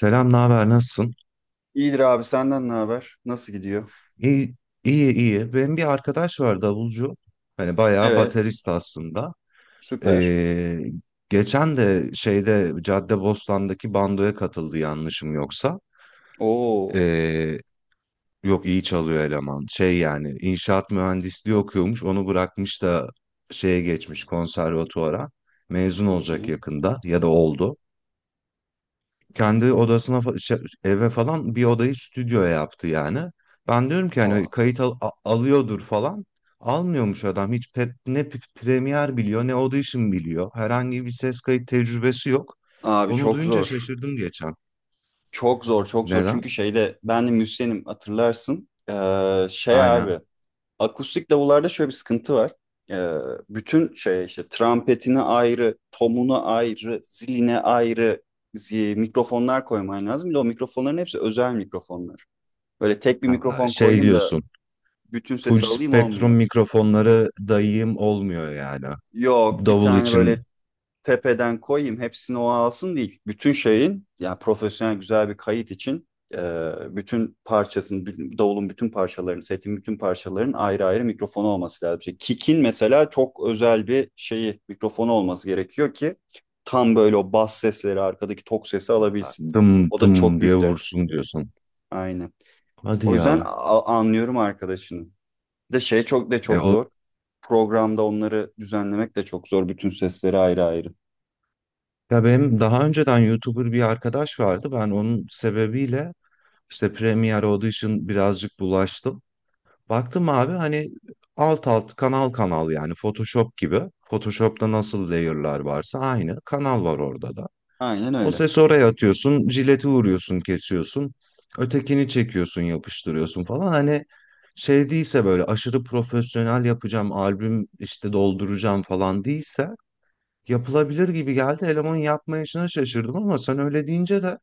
Selam, ne haber, nasılsın? İyidir abi senden ne haber? Nasıl gidiyor? İyi, iyi. Benim bir arkadaş var, davulcu. Hani bayağı Evet, baterist aslında. süper. Ee, Geçen de şeyde Caddebostan'daki bandoya katıldı, yanlışım yoksa. Oo, Ee, Yok, iyi çalıyor eleman. Şey, yani inşaat mühendisliği okuyormuş. Onu bırakmış da şeye geçmiş, konservatuvara. Mezun çok olacak iyi. yakında ya da oldu. Kendi odasına eve falan bir odayı stüdyoya yaptı yani. Ben diyorum ki hani Aa, alıyordur falan. Almıyormuş adam hiç, ne Premiere biliyor ne Audition biliyor. Herhangi bir ses kayıt tecrübesi yok. abi Onu çok duyunca zor. şaşırdım geçen. Çok zor, çok zor. Çünkü Neden? şeyde ben de müzisyenim hatırlarsın. Şey Aynen. abi, akustik davullarda şöyle bir sıkıntı var. Ee, bütün şey işte trampetine ayrı, tomuna ayrı, ziline ayrı mikrofonlar koyman lazım. Bir de o mikrofonların hepsi özel mikrofonlar. Böyle tek bir Ha, mikrofon şey koyayım da diyorsun. bütün Full sesi alayım spektrum olmuyor. mikrofonları dayayım olmuyor yani. Yok, bir Davul tane için böyle tepeden koyayım hepsini o alsın değil. Bütün şeyin yani profesyonel güzel bir kayıt için e, bütün parçasının, bütün- davulun bütün parçalarının, setin bütün parçalarının ayrı ayrı mikrofonu olması lazım. İşte kick'in mesela çok özel bir şeyi, mikrofonu olması gerekiyor ki tam böyle o bas sesleri, arkadaki tok sesi alabilsin. dım O da çok dım diye büyük dert. vursun diyorsun. Aynen. Hadi O yüzden ya. Anlıyorum arkadaşını. Bir de şey çok de E, çok o, zor. Programda onları düzenlemek de çok zor. Bütün sesleri ayrı ayrı. Ya benim daha önceden YouTuber bir arkadaş vardı. Ben onun sebebiyle işte Premiere Audition birazcık bulaştım. Baktım abi, hani alt alt kanal kanal yani Photoshop gibi. Photoshop'ta nasıl layer'lar varsa aynı kanal var orada da. Aynen O öyle. sesi oraya atıyorsun, jileti vuruyorsun, kesiyorsun. Ötekini çekiyorsun, yapıştırıyorsun falan. Hani şey değilse, böyle aşırı profesyonel yapacağım, albüm işte dolduracağım falan değilse yapılabilir gibi geldi. Elemanın yapmayışına şaşırdım ama sen öyle deyince de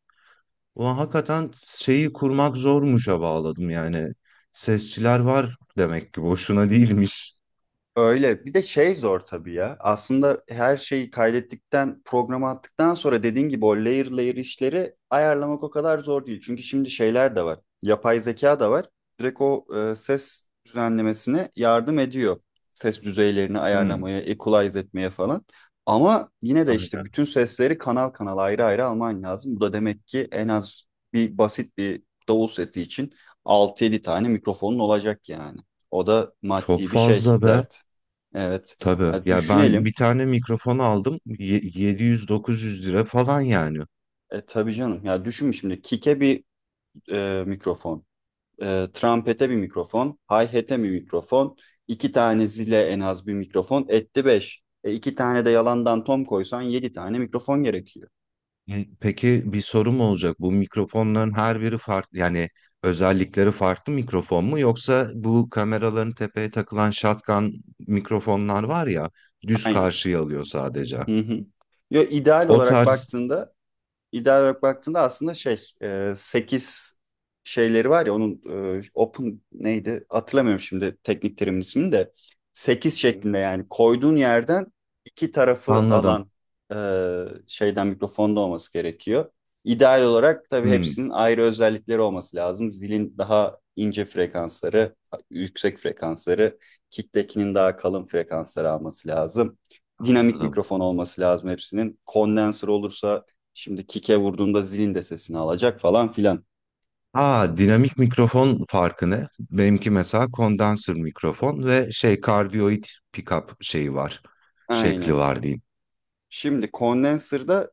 ulan hakikaten şeyi kurmak zormuşa bağladım yani. Sesçiler var demek ki, boşuna değilmiş. Öyle. Bir de şey zor tabii ya. Aslında her şeyi kaydettikten, programa attıktan sonra dediğin gibi o layer layer işleri ayarlamak o kadar zor değil. Çünkü şimdi şeyler de var. Yapay zeka da var. Direkt o ses düzenlemesine yardım ediyor. Ses düzeylerini Hmm, ayarlamaya, equalize etmeye falan. Ama yine de işte aynen. bütün sesleri kanal kanal ayrı ayrı alman lazım. Bu da demek ki en az bir basit bir davul seti için 6 yedi tane mikrofonun olacak yani. O da Çok maddi bir şey fazla be. dert. Evet. Tabii. Ya Ya ben düşünelim. bir tane mikrofon aldım. 700 900 lira falan yani. E, tabii canım. Ya düşün şimdi. Kick'e bir mikrofon. Trumpete bir mikrofon. Hi-hat'e bir mikrofon. İki tane zile en az bir mikrofon. Etti beş. İki tane de yalandan tom koysan yedi tane mikrofon gerekiyor. Hı, peki bir sorum olacak. Bu mikrofonların her biri farklı, yani özellikleri farklı mikrofon mu, yoksa bu kameraların tepeye takılan shotgun mikrofonlar var ya, düz Aynen. karşıya alıyor sadece. Hı hı. Yo, ideal O olarak tarz. baktığında İdeal olarak baktığında aslında şey 8 şeyleri var ya onun open neydi hatırlamıyorum şimdi teknik terimin ismini de 8 Hı hı. şeklinde yani koyduğun yerden iki tarafı Anladım. alan e, şeyden mikrofonda olması gerekiyor. İdeal olarak tabii Hı, hepsinin ayrı özellikleri olması lazım. Zilin daha ince frekansları, yüksek frekansları, kicktekinin daha kalın frekansları alması lazım. Dinamik anladım. mikrofon olması lazım hepsinin. Kondenser olursa şimdi kike vurduğunda zilin de sesini alacak falan filan. Aa, dinamik mikrofon farkı ne? Benimki mesela kondansör mikrofon ve şey, kardiyoid pickup şeyi var. Şekli Aynen. var diyeyim. Şimdi condenser'da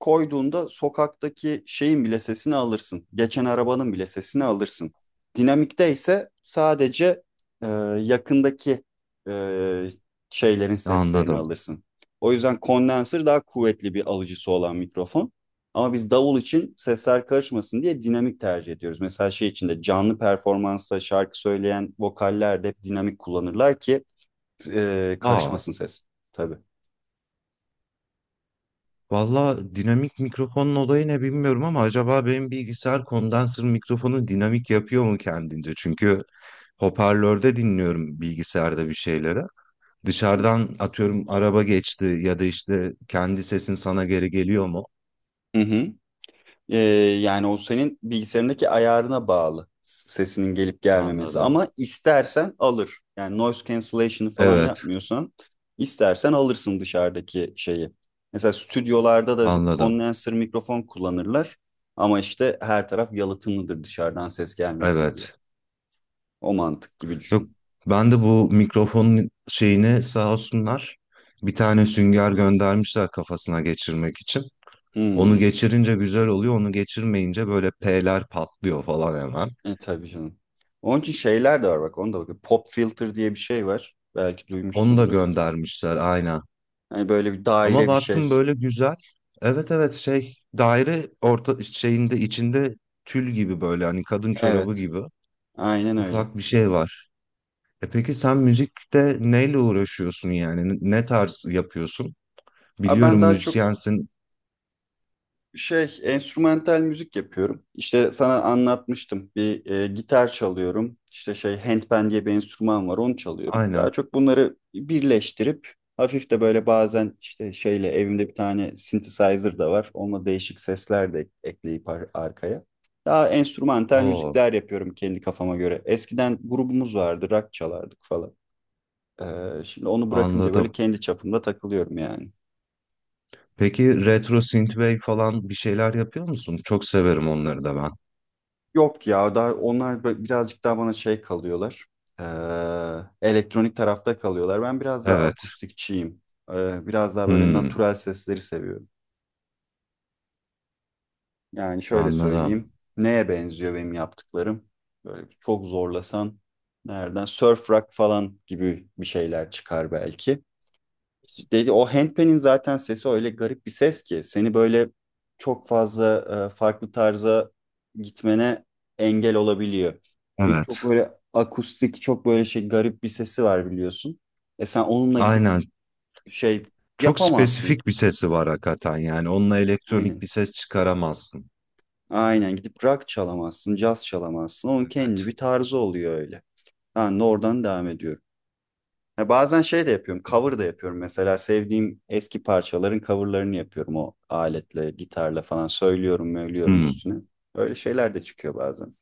koyduğunda sokaktaki şeyin bile sesini alırsın. Geçen arabanın bile sesini alırsın. Dinamikte ise sadece e, yakındaki e, şeylerin seslerini Anladım. alırsın. O yüzden condenser daha kuvvetli bir alıcısı olan mikrofon. Ama biz davul için sesler karışmasın diye dinamik tercih ediyoruz. Mesela şey içinde canlı performansta şarkı söyleyen vokaller de hep dinamik kullanırlar ki Aa. karışmasın ses. Tabii. Valla dinamik mikrofonun olayı ne bilmiyorum ama acaba benim bilgisayar kondansör mikrofonu dinamik yapıyor mu kendince? Çünkü hoparlörde dinliyorum bilgisayarda bir şeyleri. Hı hı. Dışarıdan atıyorum araba geçti ya da işte kendi sesin sana geri geliyor mu? E, yani o senin bilgisayarındaki ayarına bağlı sesinin gelip gelmemesi. Anladım. Ama istersen alır. Yani noise cancellation'ı falan Evet, yapmıyorsan istersen alırsın dışarıdaki şeyi. Mesela stüdyolarda da hep anladım. kondenser mikrofon kullanırlar. Ama işte her taraf yalıtımlıdır dışarıdan ses gelmesin diye. Evet. O mantık gibi Yok, düşün. ben de bu mikrofonun şeyini, sağ olsunlar, bir tane sünger göndermişler kafasına geçirmek için. Onu Hmm. geçirince güzel oluyor. Onu geçirmeyince böyle P'ler patlıyor falan hemen. E tabii canım. Onun için şeyler de var bak onu da bak. Pop filter diye bir şey var. Belki Onu da duymuşsundur. göndermişler aynen. Yani böyle bir Ama daire bir baktım şey. böyle güzel. Evet evet, şey daire orta şeyinde içinde tül gibi, böyle hani kadın çorabı Evet, gibi aynen öyle. ufak bir şey var. E peki sen müzikte neyle uğraşıyorsun yani? Ne tarz yapıyorsun? A, Biliyorum ben daha çok müzisyensin. şey enstrümantal müzik yapıyorum. İşte sana anlatmıştım. Bir gitar çalıyorum. İşte şey handpan diye bir enstrüman var, onu çalıyorum. Aynen. Daha çok bunları birleştirip hafif de böyle bazen işte şeyle evimde bir tane synthesizer da var. Onunla değişik sesler de ekleyip arkaya. Daha enstrümantal Oo, müzikler yapıyorum kendi kafama göre. Eskiden grubumuz vardı, rock çalardık falan. Şimdi onu bırakınca böyle anladım. kendi çapımda takılıyorum yani. Peki retro synthwave falan bir şeyler yapıyor musun? Çok severim onları da ben. Yok ya daha onlar birazcık daha bana şey kalıyorlar. Ee, elektronik tarafta kalıyorlar. Ben biraz daha Evet. akustikçiyim. Biraz daha böyle Hmm. natural sesleri seviyorum. Yani şöyle Anladım. söyleyeyim. Neye benziyor benim yaptıklarım? Böyle çok zorlasan nereden? Surf rock falan gibi bir şeyler çıkar belki. Dedi o handpan'in zaten sesi öyle garip bir ses ki seni böyle çok fazla farklı tarza gitmene engel olabiliyor. Çünkü Evet. çok böyle akustik, çok böyle şey garip bir sesi var biliyorsun. E sen onunla gidip Aynen. şey Çok yapamazsın. spesifik bir sesi var hakikaten yani. Onunla elektronik Aynen. bir ses çıkaramazsın. Aynen gidip rock çalamazsın, caz çalamazsın. Onun Evet. kendi bir tarzı oluyor öyle. Ben de oradan devam ediyorum. Ya bazen şey de yapıyorum, cover da yapıyorum. Mesela sevdiğim eski parçaların coverlarını yapıyorum o aletle, gitarla falan söylüyorum, söylüyorum Hmm. üstüne. Öyle şeyler de çıkıyor bazen.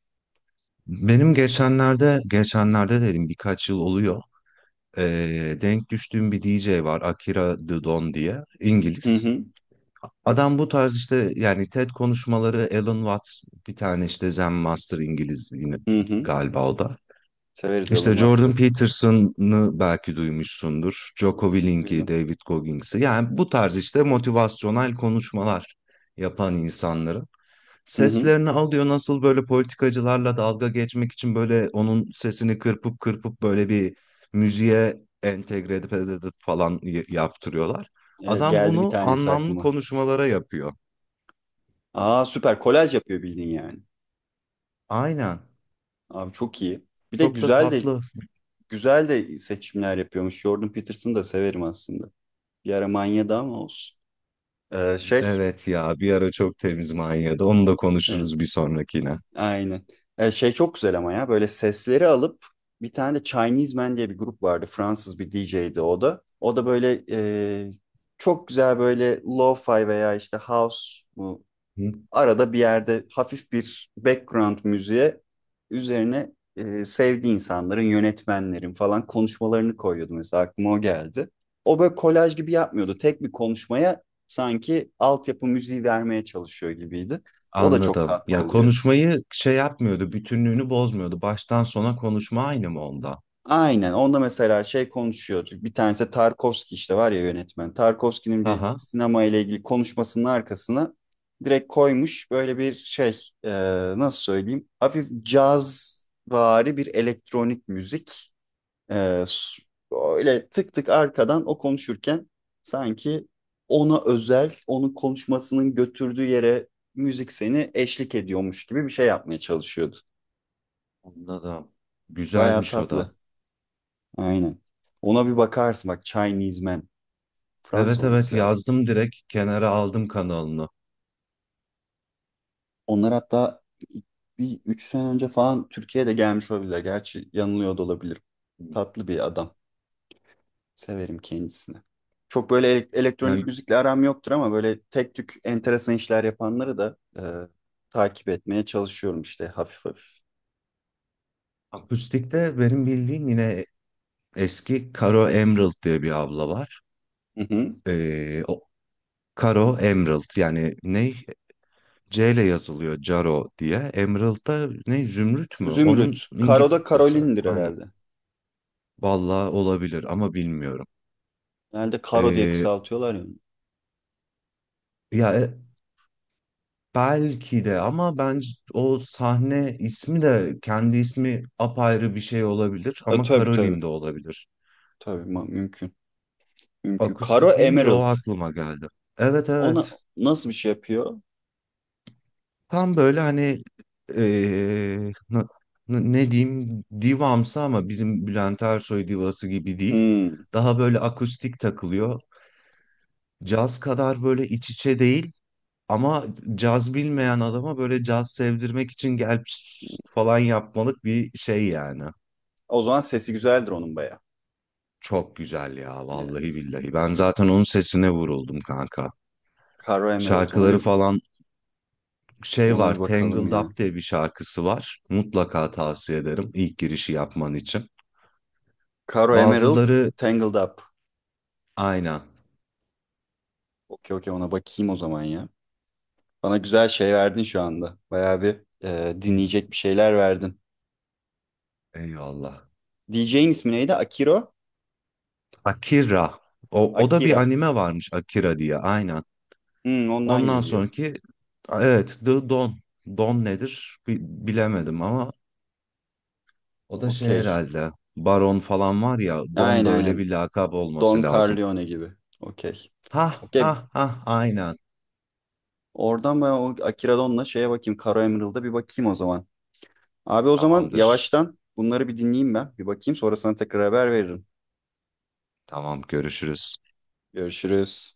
Benim geçenlerde dedim, birkaç yıl oluyor. Denk düştüğüm bir DJ var. Akira The Don diye. Hı İngiliz. hı, Adam bu tarz işte, yani TED konuşmaları, Alan Watts, bir tane işte Zen Master İngiliz yine hı hı. galiba o da. Severiz Alan İşte Jordan Watts'ı. Peterson'ı belki duymuşsundur. Jocko Willink'i, Duydum. David Goggins'i. Yani bu tarz işte motivasyonel konuşmalar yapan insanların Hı hı. seslerini alıyor. Nasıl böyle politikacılarla dalga geçmek için böyle onun sesini kırpıp kırpıp böyle bir müziğe entegre edip falan yaptırıyorlar. Evet, Adam geldi bir bunu tanesi anlamlı aklıma. konuşmalara yapıyor. Aa, süper, kolaj yapıyor bildiğin yani. Aynen. Abi çok iyi. Bir de Çok da güzel de tatlı. güzel de seçimler yapıyormuş. Jordan Peterson'ı da severim aslında. Bir ara manyadı ama olsun. Ee, şey, Evet ya, bir ara çok temiz manyadı. Onu da e, konuşuruz bir sonrakine. Aynen. Şey çok güzel ama ya böyle sesleri alıp bir tane de Chinese Man diye bir grup vardı. Fransız bir DJ'di o da. O da böyle çok güzel böyle lo-fi veya işte house bu Hı? arada bir yerde hafif bir background müziğe üzerine sevdiği insanların, yönetmenlerin falan konuşmalarını koyuyordu mesela aklıma o geldi. O böyle kolaj gibi yapmıyordu. Tek bir konuşmaya sanki altyapı müziği vermeye çalışıyor gibiydi. O da çok Anladım. tatlı Ya oluyor. konuşmayı şey yapmıyordu, bütünlüğünü bozmuyordu. Baştan sona konuşma aynı mı onda? Aynen. Onda mesela şey konuşuyorduk. Bir tanesi Tarkovski işte var ya yönetmen. Tarkovski'nin bir Aha, sinema ile ilgili konuşmasının arkasına direkt koymuş böyle bir şey e, nasıl söyleyeyim? Hafif cazvari bir elektronik müzik. E, s- öyle tık tık arkadan o konuşurken sanki ona özel, onun konuşmasının götürdüğü yere müzik seni eşlik ediyormuş gibi bir şey yapmaya çalışıyordu. anladım. Bayağı Güzelmiş o da. tatlı. Aynen. Ona bir bakarsın. Bak Chinese Man. Fransız Evet evet, olması lazım. yazdım, direkt kenara aldım kanalını. Onlar hatta bir 3 sene önce falan Türkiye'de gelmiş olabilirler. Gerçi yanılıyor da olabilirim. Tatlı bir adam. Severim kendisini. Çok böyle elektronik Yani müzikle aram yoktur ama böyle tek tük enteresan işler yapanları da takip etmeye çalışıyorum işte hafif hafif. akustikte benim bildiğim yine eski Karo Emerald diye bir abla var. Hı hı. O Karo Emerald, yani ne, C ile yazılıyor, Caro diye. Emerald da ne, Zümrüt mü? Onun Zümrüt. Karo da İngilizcesi. Karolin'dir Aynen. herhalde. Vallahi olabilir ama bilmiyorum. Herhalde Karo diye kısaltıyorlar ya. Ya belki de, ama bence o sahne ismi de, kendi ismi apayrı bir şey olabilir E, ama tabii tabii. Caroline de olabilir. Tabii mümkün. Mümkün. Karo Akustik deyince o Emerald. aklıma geldi. Evet Ona evet. nasıl bir şey yapıyor? Tam böyle hani, e, na- ne diyeyim, divamsı, ama bizim Bülent Ersoy divası gibi değil. Hmm. Daha böyle akustik takılıyor. Caz kadar böyle iç içe değil. Ama caz bilmeyen adama böyle caz sevdirmek için gel falan yapmalık bir şey yani. O zaman sesi güzeldir onun baya. Çok güzel ya, vallahi Evet. billahi. Ben zaten onun sesine vuruldum kanka. Caro Emerald. Ona Şarkıları bir falan, şey ona bir var, bakalım Tangled Up ya. diye bir şarkısı var. Mutlaka tavsiye ederim ilk girişi yapman için. Caro Emerald Bazıları Tangled Up. aynen. Okey okey, ona bakayım o zaman ya. Bana güzel şey verdin şu anda. Bayağı bir dinleyecek bir şeyler verdin. Eyvallah. DJ'in ismi neydi? Akiro? Akira. O, o da bir Akira. anime varmış Akira diye. Aynen. Hmm, ondan Ondan geliyor. sonraki evet, The Don. Don nedir bilemedim ama o da şey Okey. herhalde, Baron falan var ya, Aynen Don da öyle aynen. bir lakap olması Don lazım. Corleone gibi. Okey. Ha Okey. ha ha, aynen, Oradan ben o Akira Don'la şeye bakayım. Caro Emerald'a bir bakayım o zaman. Abi o zaman tamamdır. yavaştan bunları bir dinleyeyim ben. Bir bakayım sonra sana tekrar haber veririm. Tamam, görüşürüz. Görüşürüz.